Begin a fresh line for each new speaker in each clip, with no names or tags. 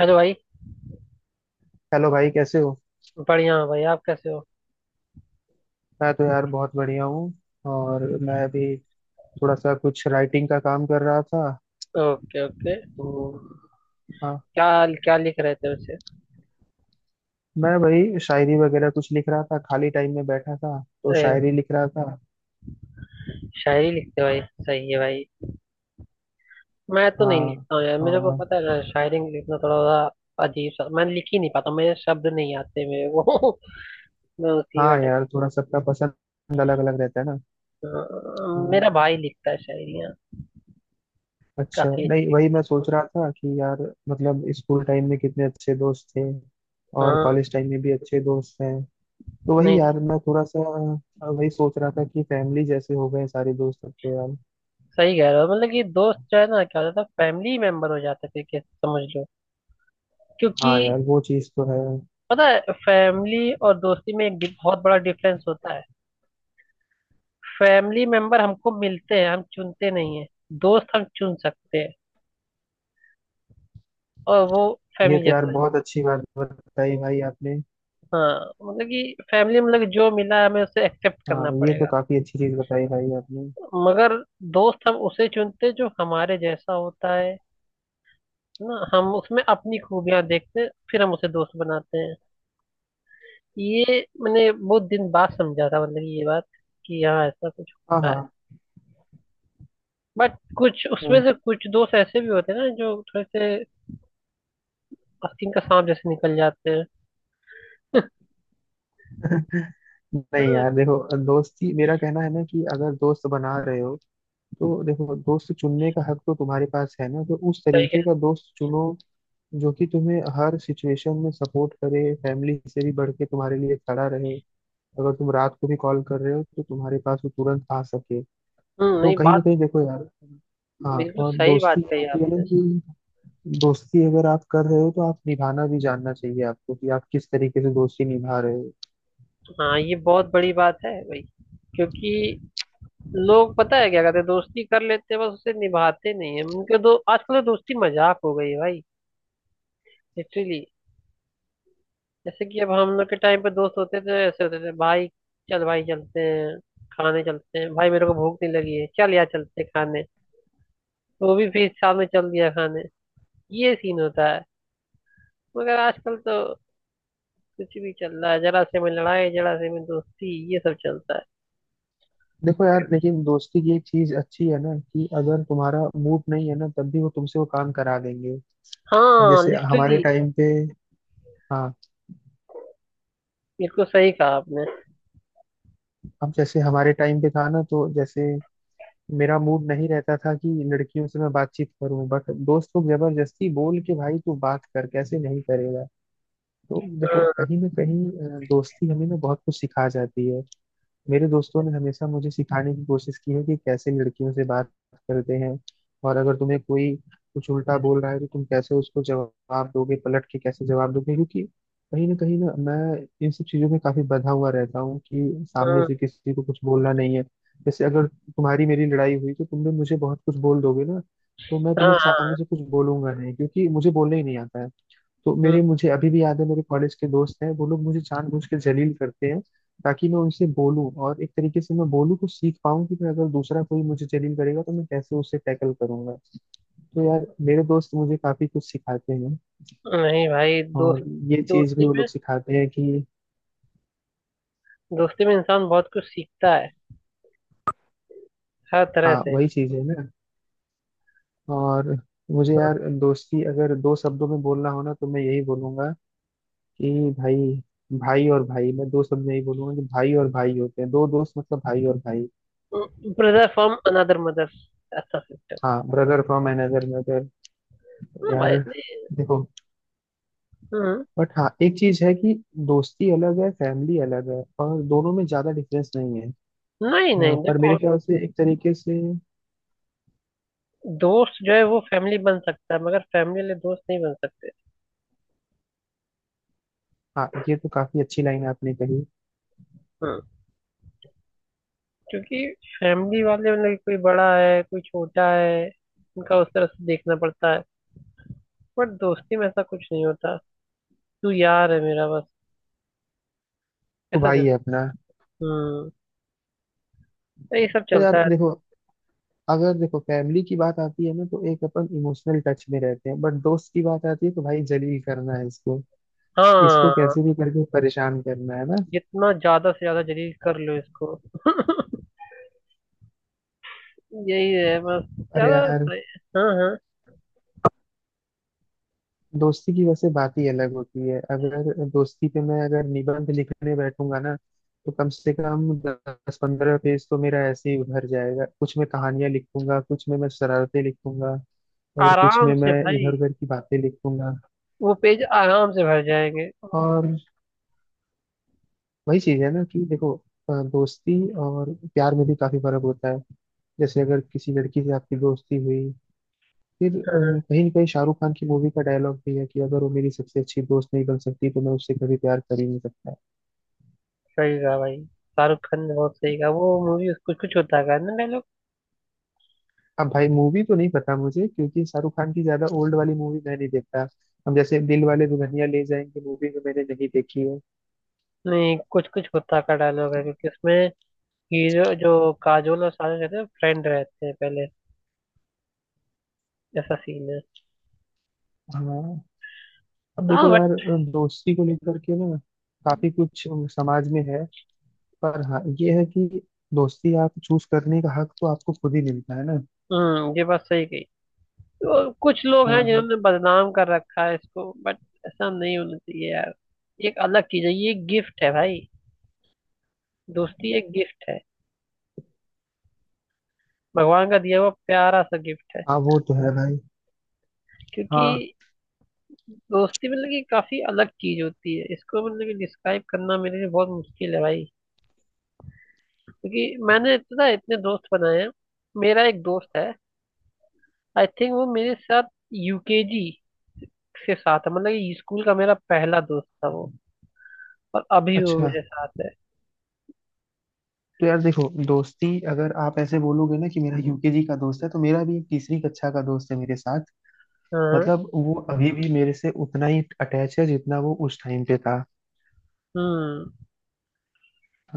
Hello भाई।
Hello भाई, कैसे हो?
बढ़िया हूँ भाई, आप कैसे हो?
मैं तो यार बहुत बढ़िया हूँ। और मैं अभी थोड़ा सा कुछ राइटिंग का काम कर रहा था,
ओके ओके।
तो हाँ।
क्या क्या लिख रहे थे वैसे?
मैं भाई शायरी वगैरह कुछ लिख रहा था, खाली टाइम में बैठा था तो
अरे,
शायरी लिख रहा था।
शायरी लिखते हो भाई, सही है भाई। मैं तो नहीं
हाँ।
लिखता हूँ यार, मेरे को
और
पता है ना, शायरी लिखना थोड़ा सा अजीब सा, मैं लिख ही नहीं पाता, मेरे शब्द नहीं आते मेरे को। मैं उसी में
हाँ यार, थोड़ा सबका पसंद अलग अलग रहता है ना।
मेरा
हाँ,
भाई लिखता है शायरियाँ,
अच्छा।
काफी अच्छी
नहीं, वही
लिखता
मैं सोच रहा था कि यार, मतलब स्कूल टाइम में कितने अच्छे दोस्त थे,
है।
और
हाँ।
कॉलेज टाइम में भी अच्छे दोस्त हैं। तो
नहीं
वही
नहीं,
यार, मैं थोड़ा सा वही सोच रहा था कि फैमिली जैसे हो गए सारे दोस्त अब तो यार।
सही कह रहे हो, मतलब कि दोस्त जो है ना, क्या होता था, फैमिली मेंबर हो जाते थे कि, समझ लो क्योंकि
हाँ यार, वो चीज़ तो है।
पता है, फैमिली और दोस्ती में एक बहुत बड़ा डिफरेंस होता है। फैमिली मेंबर हमको मिलते हैं, हम चुनते नहीं है। दोस्त हम चुन सकते हैं, और वो
ये
फैमिली
तो यार
जैसा है।
बहुत अच्छी बात बताई भाई आपने।
हाँ, मतलब कि फैमिली मतलब कि जो मिला हमें उसे एक्सेप्ट
हाँ,
करना
ये तो
पड़ेगा,
काफी अच्छी चीज बताई भाई आपने।
मगर दोस्त हम उसे चुनते हैं जो हमारे जैसा होता है। ना हम उसमें अपनी खूबियां देखते हैं, फिर हम उसे दोस्त बनाते हैं। ये मैंने बहुत दिन बाद समझा था, मतलब कि ये बात कि हाँ, ऐसा कुछ
हाँ,
होता है।
हाँ।
बट कुछ उसमें
हाँ।
से कुछ दोस्त ऐसे भी होते हैं ना, जो थोड़े से आस्तीन का सांप जैसे निकल जाते हैं।
नहीं
हाँ,
यार, देखो, दोस्ती, मेरा कहना है ना कि अगर दोस्त बना रहे हो तो देखो, दोस्त चुनने का हक तो तुम्हारे पास है ना, तो उस
सही।
तरीके का दोस्त चुनो जो कि तुम्हें हर सिचुएशन में सपोर्ट करे, फैमिली से भी बढ़ के तुम्हारे लिए खड़ा रहे। अगर तुम रात को भी कॉल कर रहे हो तो तुम्हारे पास वो तुरंत आ सके।
हम्म,
तो
नहीं
कहीं
बात,
ना कहीं देखो यार। हाँ,
बिल्कुल
और
सही बात
दोस्ती ये
कही
होती है ना
आपने।
कि दोस्ती अगर आप कर रहे हो तो आप निभाना भी जानना चाहिए आपको कि आप किस तरीके से दोस्ती निभा रहे हो।
हाँ, ये बहुत बड़ी बात है भाई, क्योंकि लोग पता है क्या करते हैं, दोस्ती कर लेते हैं बस, उसे निभाते नहीं है उनके दो। आजकल तो दोस्ती मजाक हो गई है भाई, लिटरली। जैसे कि अब हम लोग के टाइम पे दोस्त होते थे, ऐसे होते थे भाई। चल भाई चलते हैं, खाने चलते हैं भाई, मेरे को भूख नहीं लगी है, चल यार चलते हैं खाने। वो भी फिर साथ में चल दिया खाने। ये सीन होता है। मगर आजकल तो कुछ भी चल रहा है, जरा से में लड़ाई, जरा से में दोस्ती, ये सब चलता है।
देखो यार, लेकिन दोस्ती की एक चीज अच्छी है ना कि अगर तुम्हारा मूड नहीं है ना तब भी वो तुमसे वो काम करा देंगे। अब
हाँ
जैसे
लिटरली।
हमारे टाइम पे, हाँ,
बिल्कुल सही कहा आपने।
अब जैसे हमारे टाइम पे था ना, तो जैसे मेरा मूड नहीं रहता था कि लड़कियों से मैं बातचीत करूं, बट दोस्त लोग जबरदस्ती बोल के, भाई तू बात कर, कैसे नहीं करेगा। तो देखो
हाँ
कहीं ना कहीं दोस्ती हमें ना बहुत कुछ सिखा जाती है। मेरे दोस्तों ने हमेशा मुझे सिखाने की कोशिश की है कि कैसे लड़कियों से बात करते हैं, और अगर तुम्हें कोई कुछ उल्टा बोल रहा है तो तुम कैसे उसको जवाब दोगे, पलट के कैसे जवाब दोगे, क्योंकि कहीं ना मैं इन सब चीजों में काफी बंधा हुआ रहता हूँ कि सामने
हाँ।
से किसी को कुछ बोलना नहीं है। जैसे अगर तुम्हारी मेरी लड़ाई हुई तो तुमने मुझे बहुत कुछ बोल दोगे ना, तो मैं तुम्हें
हाँ
सामने से कुछ बोलूंगा नहीं क्योंकि मुझे बोलना ही नहीं आता है। तो मेरे, मुझे अभी भी याद है, मेरे कॉलेज के दोस्त हैं, वो लोग मुझे जानबूझ के जलील करते हैं ताकि मैं उनसे बोलूं, और एक तरीके से मैं बोलूं तो सीख पाऊं कि मैं, अगर दूसरा कोई मुझे जलील करेगा तो मैं कैसे उसे टैकल करूंगा। तो यार मेरे दोस्त मुझे काफी कुछ सिखाते हैं।
हाँ, नहीं भाई, दोस्त
और ये चीज भी
दोस्ती
वो
में
लोग सिखाते हैं कि
दोस्ती में इंसान बहुत कुछ सीखता है, हर तरह
हाँ,
से।
वही चीज है ना। और मुझे यार दोस्ती अगर दो शब्दों में बोलना हो ना तो मैं यही बोलूंगा कि भाई, भाई और भाई। मैं दो शब्द में यही बोलूंगा कि भाई और भाई होते हैं दो दोस्त, मतलब भाई और भाई।
Brother from another mother. अच्छा, सिस्टर।
हाँ, ब्रदर फ्रॉम अनदर।
हाँ भाई
यार
नहीं।
देखो,
हम्म।
बट हाँ एक चीज है कि दोस्ती अलग है, फैमिली अलग है, और दोनों में ज्यादा डिफरेंस नहीं है।
नहीं
हाँ,
नहीं
पर मेरे
देखो,
ख्याल से एक तरीके से,
दोस्त जो है वो फैमिली बन सकता है, मगर फैमिली वाले दोस्त नहीं बन सकते।
हाँ, ये तो काफी अच्छी लाइन आपने कही।
हम्म। क्योंकि फैमिली वाले मतलब कोई बड़ा है कोई छोटा है, उनका उस तरह से देखना पड़ता है। बट दोस्ती में ऐसा कुछ नहीं होता, तू यार है मेरा बस,
तो
ऐसा
भाई
चल।
है अपना।
हम्म। तो ये सब
तो
चलता
यार
है
देखो,
तो।
अगर देखो फैमिली की बात आती है ना तो एक अपन इमोशनल टच में रहते हैं, बट दोस्त की बात आती है तो भाई जलील करना है इसको, इसको
हाँ,
कैसे भी करके परेशान करना है ना।
जितना ज्यादा से ज्यादा जलील कर लो इसको। यही है बस,
अरे
ज्यादा
यार,
से-। हाँ हाँ।
दोस्ती की वैसे बात ही अलग होती है। अगर दोस्ती पे मैं, अगर निबंध लिखने बैठूंगा ना तो कम से कम दस पंद्रह पेज तो मेरा ऐसे ही भर जाएगा, कुछ मैं कहानियां लिखूंगा, कुछ में मैं शरारतें लिखूंगा, और कुछ
आराम
में
से
मैं
भाई,
इधर उधर की बातें लिखूंगा।
वो पेज आराम से भर जाएंगे।
और वही चीज है ना कि देखो, दोस्ती और प्यार में भी काफी फर्क होता है। जैसे अगर किसी लड़की से आपकी दोस्ती हुई फिर
हाँ,
कहीं ना कहीं, शाहरुख खान की मूवी का डायलॉग भी है कि अगर वो मेरी सबसे अच्छी दोस्त नहीं बन सकती तो मैं उससे कभी प्यार कर ही नहीं सकता।
सही कहा भाई, शाहरुख खान ने बहुत सही कहा। वो मूवी कुछ कुछ होता का है ना डायलॉग?
अब भाई मूवी तो नहीं पता मुझे क्योंकि शाहरुख खान की ज्यादा ओल्ड वाली मूवी मैं नहीं देखता। अब जैसे दिल वाले दुल्हनिया ले जाएंगे मूवी में मैंने नहीं देखी है।
नहीं, कुछ कुछ होता का डायलॉग है, क्योंकि उसमें हीरो जो, काजोल और शाहरुख रहते हैं, फ्रेंड रहते हैं पहले, ऐसा सीन है।
हाँ, अब
हाँ
देखो
बट।
यार, दोस्ती को लेकर के ना काफी कुछ समाज में है, पर हाँ ये है कि दोस्ती आप चूज करने का हक तो आपको खुद ही मिलता है ना।
हम्म, ये बात सही कही। तो कुछ लोग हैं
हाँ।
जिन्होंने बदनाम कर रखा है इसको, बट ऐसा नहीं होना चाहिए यार। ये एक अलग चीज है, ये गिफ्ट है भाई। दोस्ती एक गिफ्ट है, भगवान का दिया हुआ प्यारा सा गिफ्ट है।
हाँ, वो तो है भाई।
क्योंकि
हाँ।
दोस्ती मतलब कि काफी अलग चीज होती है, इसको मतलब कि डिस्क्राइब करना मेरे लिए बहुत मुश्किल है भाई, क्योंकि मैंने पता है इतने दोस्त बनाए हैं। मेरा एक दोस्त है, आई थिंक वो मेरे साथ यूकेजी से साथ है, मतलब कि स्कूल का मेरा पहला दोस्त था वो, और अभी वो
अच्छा,
मेरे साथ है।
तो यार देखो, दोस्ती अगर आप ऐसे बोलोगे ना कि मेरा यूकेजी का दोस्त है, तो मेरा भी तीसरी कक्षा का दोस्त है मेरे साथ,
हाँ।
मतलब वो अभी भी मेरे से उतना ही अटैच है जितना वो उस टाइम पे था।
हम्म।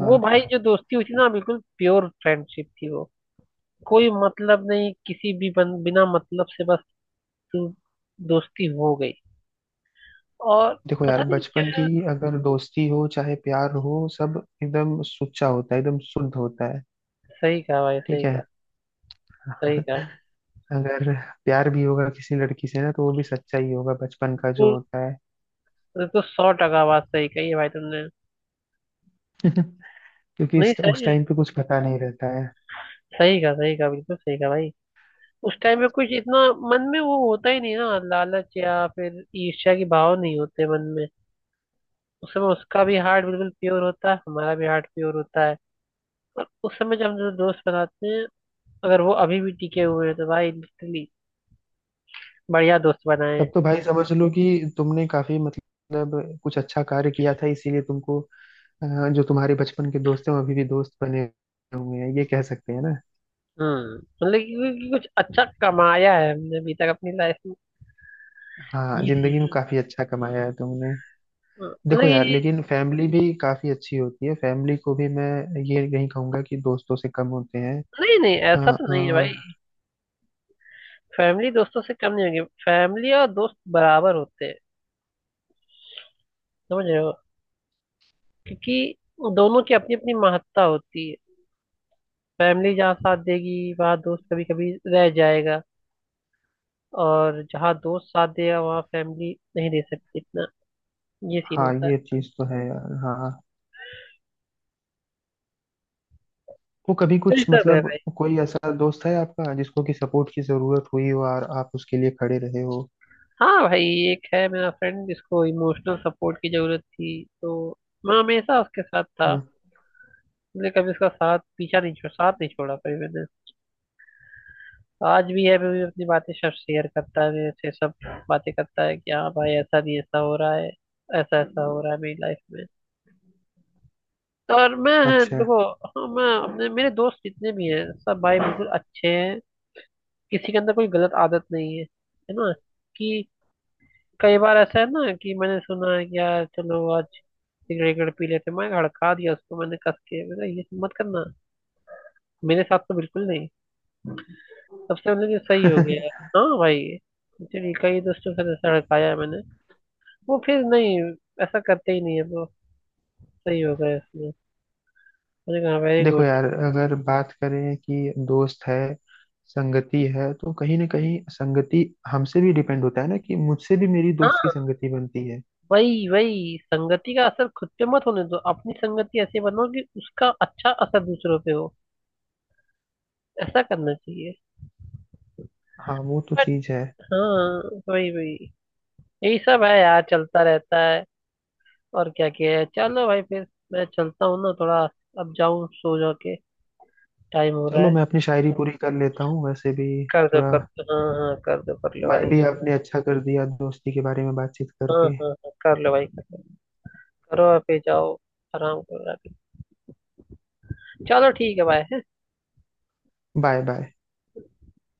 वो भाई जो दोस्ती हुई थी ना, बिल्कुल प्योर फ्रेंडशिप थी वो। कोई मतलब नहीं, बिना मतलब से बस, तू, दोस्ती हो गई। और
देखो
पता
यार,
नहीं
बचपन की
क्या।
अगर दोस्ती हो चाहे प्यार हो, सब एकदम सुच्चा होता है, एकदम शुद्ध होता है।
सही कहा भाई,
ठीक
सही
है।
कहा, सही कहा
अगर प्यार भी होगा किसी लड़की से ना, तो वो भी सच्चा ही होगा, बचपन का जो
बिल्कुल।
होता है।
ये तो सौ टका बात सही कही है भाई तुमने।
क्योंकि
नहीं
उस
सही है,
टाइम पे कुछ पता नहीं रहता है।
सही कहा, सही कहा, बिल्कुल सही कहा भाई। उस टाइम में कुछ इतना मन में वो होता ही नहीं ना, लालच या फिर ईर्ष्या के भाव नहीं होते मन में। उस समय उसका भी हार्ट बिल्कुल प्योर होता है, हमारा भी हार्ट प्योर होता है। और उस समय जब हम जो दोस्त बनाते हैं, अगर वो अभी भी टिके हुए हैं, तो भाई लिटरली बढ़िया दोस्त बनाए
तब
हैं।
तो भाई समझ लो कि तुमने काफी, मतलब, कुछ अच्छा कार्य किया था, इसीलिए तुमको, जो तुम्हारे बचपन के दोस्त हैं वो अभी भी दोस्त बने हुए हैं, ये कह सकते हैं ना।
हम्म, मतलब कि कुछ अच्छा कमाया है हमने अभी तक अपनी लाइफ में।
हाँ,
ये
जिंदगी
सीख।
में काफी अच्छा कमाया है तुमने।
हाँ, मतलब
देखो यार,
ये।
लेकिन फैमिली भी काफी अच्छी होती है, फैमिली को भी मैं ये नहीं कहूंगा कि दोस्तों से कम होते हैं।
नहीं नहीं
हाँ
ऐसा तो नहीं है भाई।
और
फैमिली दोस्तों से कम नहीं होगी, फैमिली और दोस्त बराबर होते हैं, समझ रहे हो? क्योंकि दोनों की अपनी अपनी महत्ता होती है। फैमिली जहाँ साथ देगी वहाँ दोस्त कभी कभी रह जाएगा, और जहाँ दोस्त साथ देगा वहाँ फैमिली नहीं दे सकती इतना। ये सीन
हाँ,
होता है।
ये चीज तो है यार। हाँ, तो कभी
यही
कुछ,
सब है
मतलब,
भाई।
कोई ऐसा दोस्त है आपका जिसको कि सपोर्ट की जरूरत हुई हो और आप उसके लिए खड़े रहे हो?
हाँ भाई, एक है मेरा फ्रेंड जिसको इमोशनल सपोर्ट की जरूरत थी, तो मैं हमेशा उसके साथ था।
हाँ,
मैंने कभी उसका साथ पीछा नहीं छोड़ा, साथ नहीं छोड़ा कभी मैंने। आज भी है, मैं भी अपनी बातें सब शेयर करता है मेरे से सब, बातें करता है कि हाँ भाई ऐसा नहीं ऐसा हो रहा है, ऐसा ऐसा हो रहा है मेरी लाइफ में। तो और मैं,
अच्छा।
देखो, हाँ मैं अपने, मेरे दोस्त जितने भी हैं सब भाई बिल्कुल अच्छे हैं। किसी के अंदर कोई गलत आदत नहीं है, है ना? कि कई बार ऐसा है ना कि मैंने सुना है कि यार चलो आज सिगरेट विगरेट पी लेते हैं, मैं भड़का दिया उसको मैंने कस के, मैंने कहा, ये सब मत करना, मेरे साथ तो बिल्कुल नहीं। सबसे मैंने कहा, सही हो गया। हाँ भाई, एक्चुअली कई दोस्तों से ऐसा भड़काया है मैंने, वो फिर नहीं ऐसा करते ही नहीं है वो, सही हो गया इसमें। मैंने कहा वेरी
देखो
गुड।
यार, अगर बात करें कि दोस्त है, संगति है, तो कहीं ना कहीं संगति हमसे भी डिपेंड होता है ना, कि मुझसे भी मेरी दोस्त की
हाँ
संगति बनती है।
वही वही संगति का असर खुद पे मत होने दो, अपनी संगति ऐसी बनाओ कि उसका अच्छा असर दूसरों पे हो, ऐसा करना चाहिए।
हाँ, वो तो
बट
चीज है।
हाँ, वही वही यही सब है यार, चलता रहता है। और क्या किया है? चलो भाई फिर, मैं चलता हूँ ना थोड़ा, अब जाऊँ सो जा के, टाइम हो रहा
चलो
है।
मैं अपनी शायरी पूरी कर लेता हूँ वैसे भी।
कर दो
थोड़ा
कर दो, हाँ हाँ, कर दो कर लो
मन
भाई।
भी आपने अच्छा कर दिया दोस्ती के बारे में बातचीत
हाँ
करके।
हाँ हाँ, कर लो भाई, कर लो, करो और फिर जाओ, आराम करो आके। चलो ठीक है भाई।
Bye bye.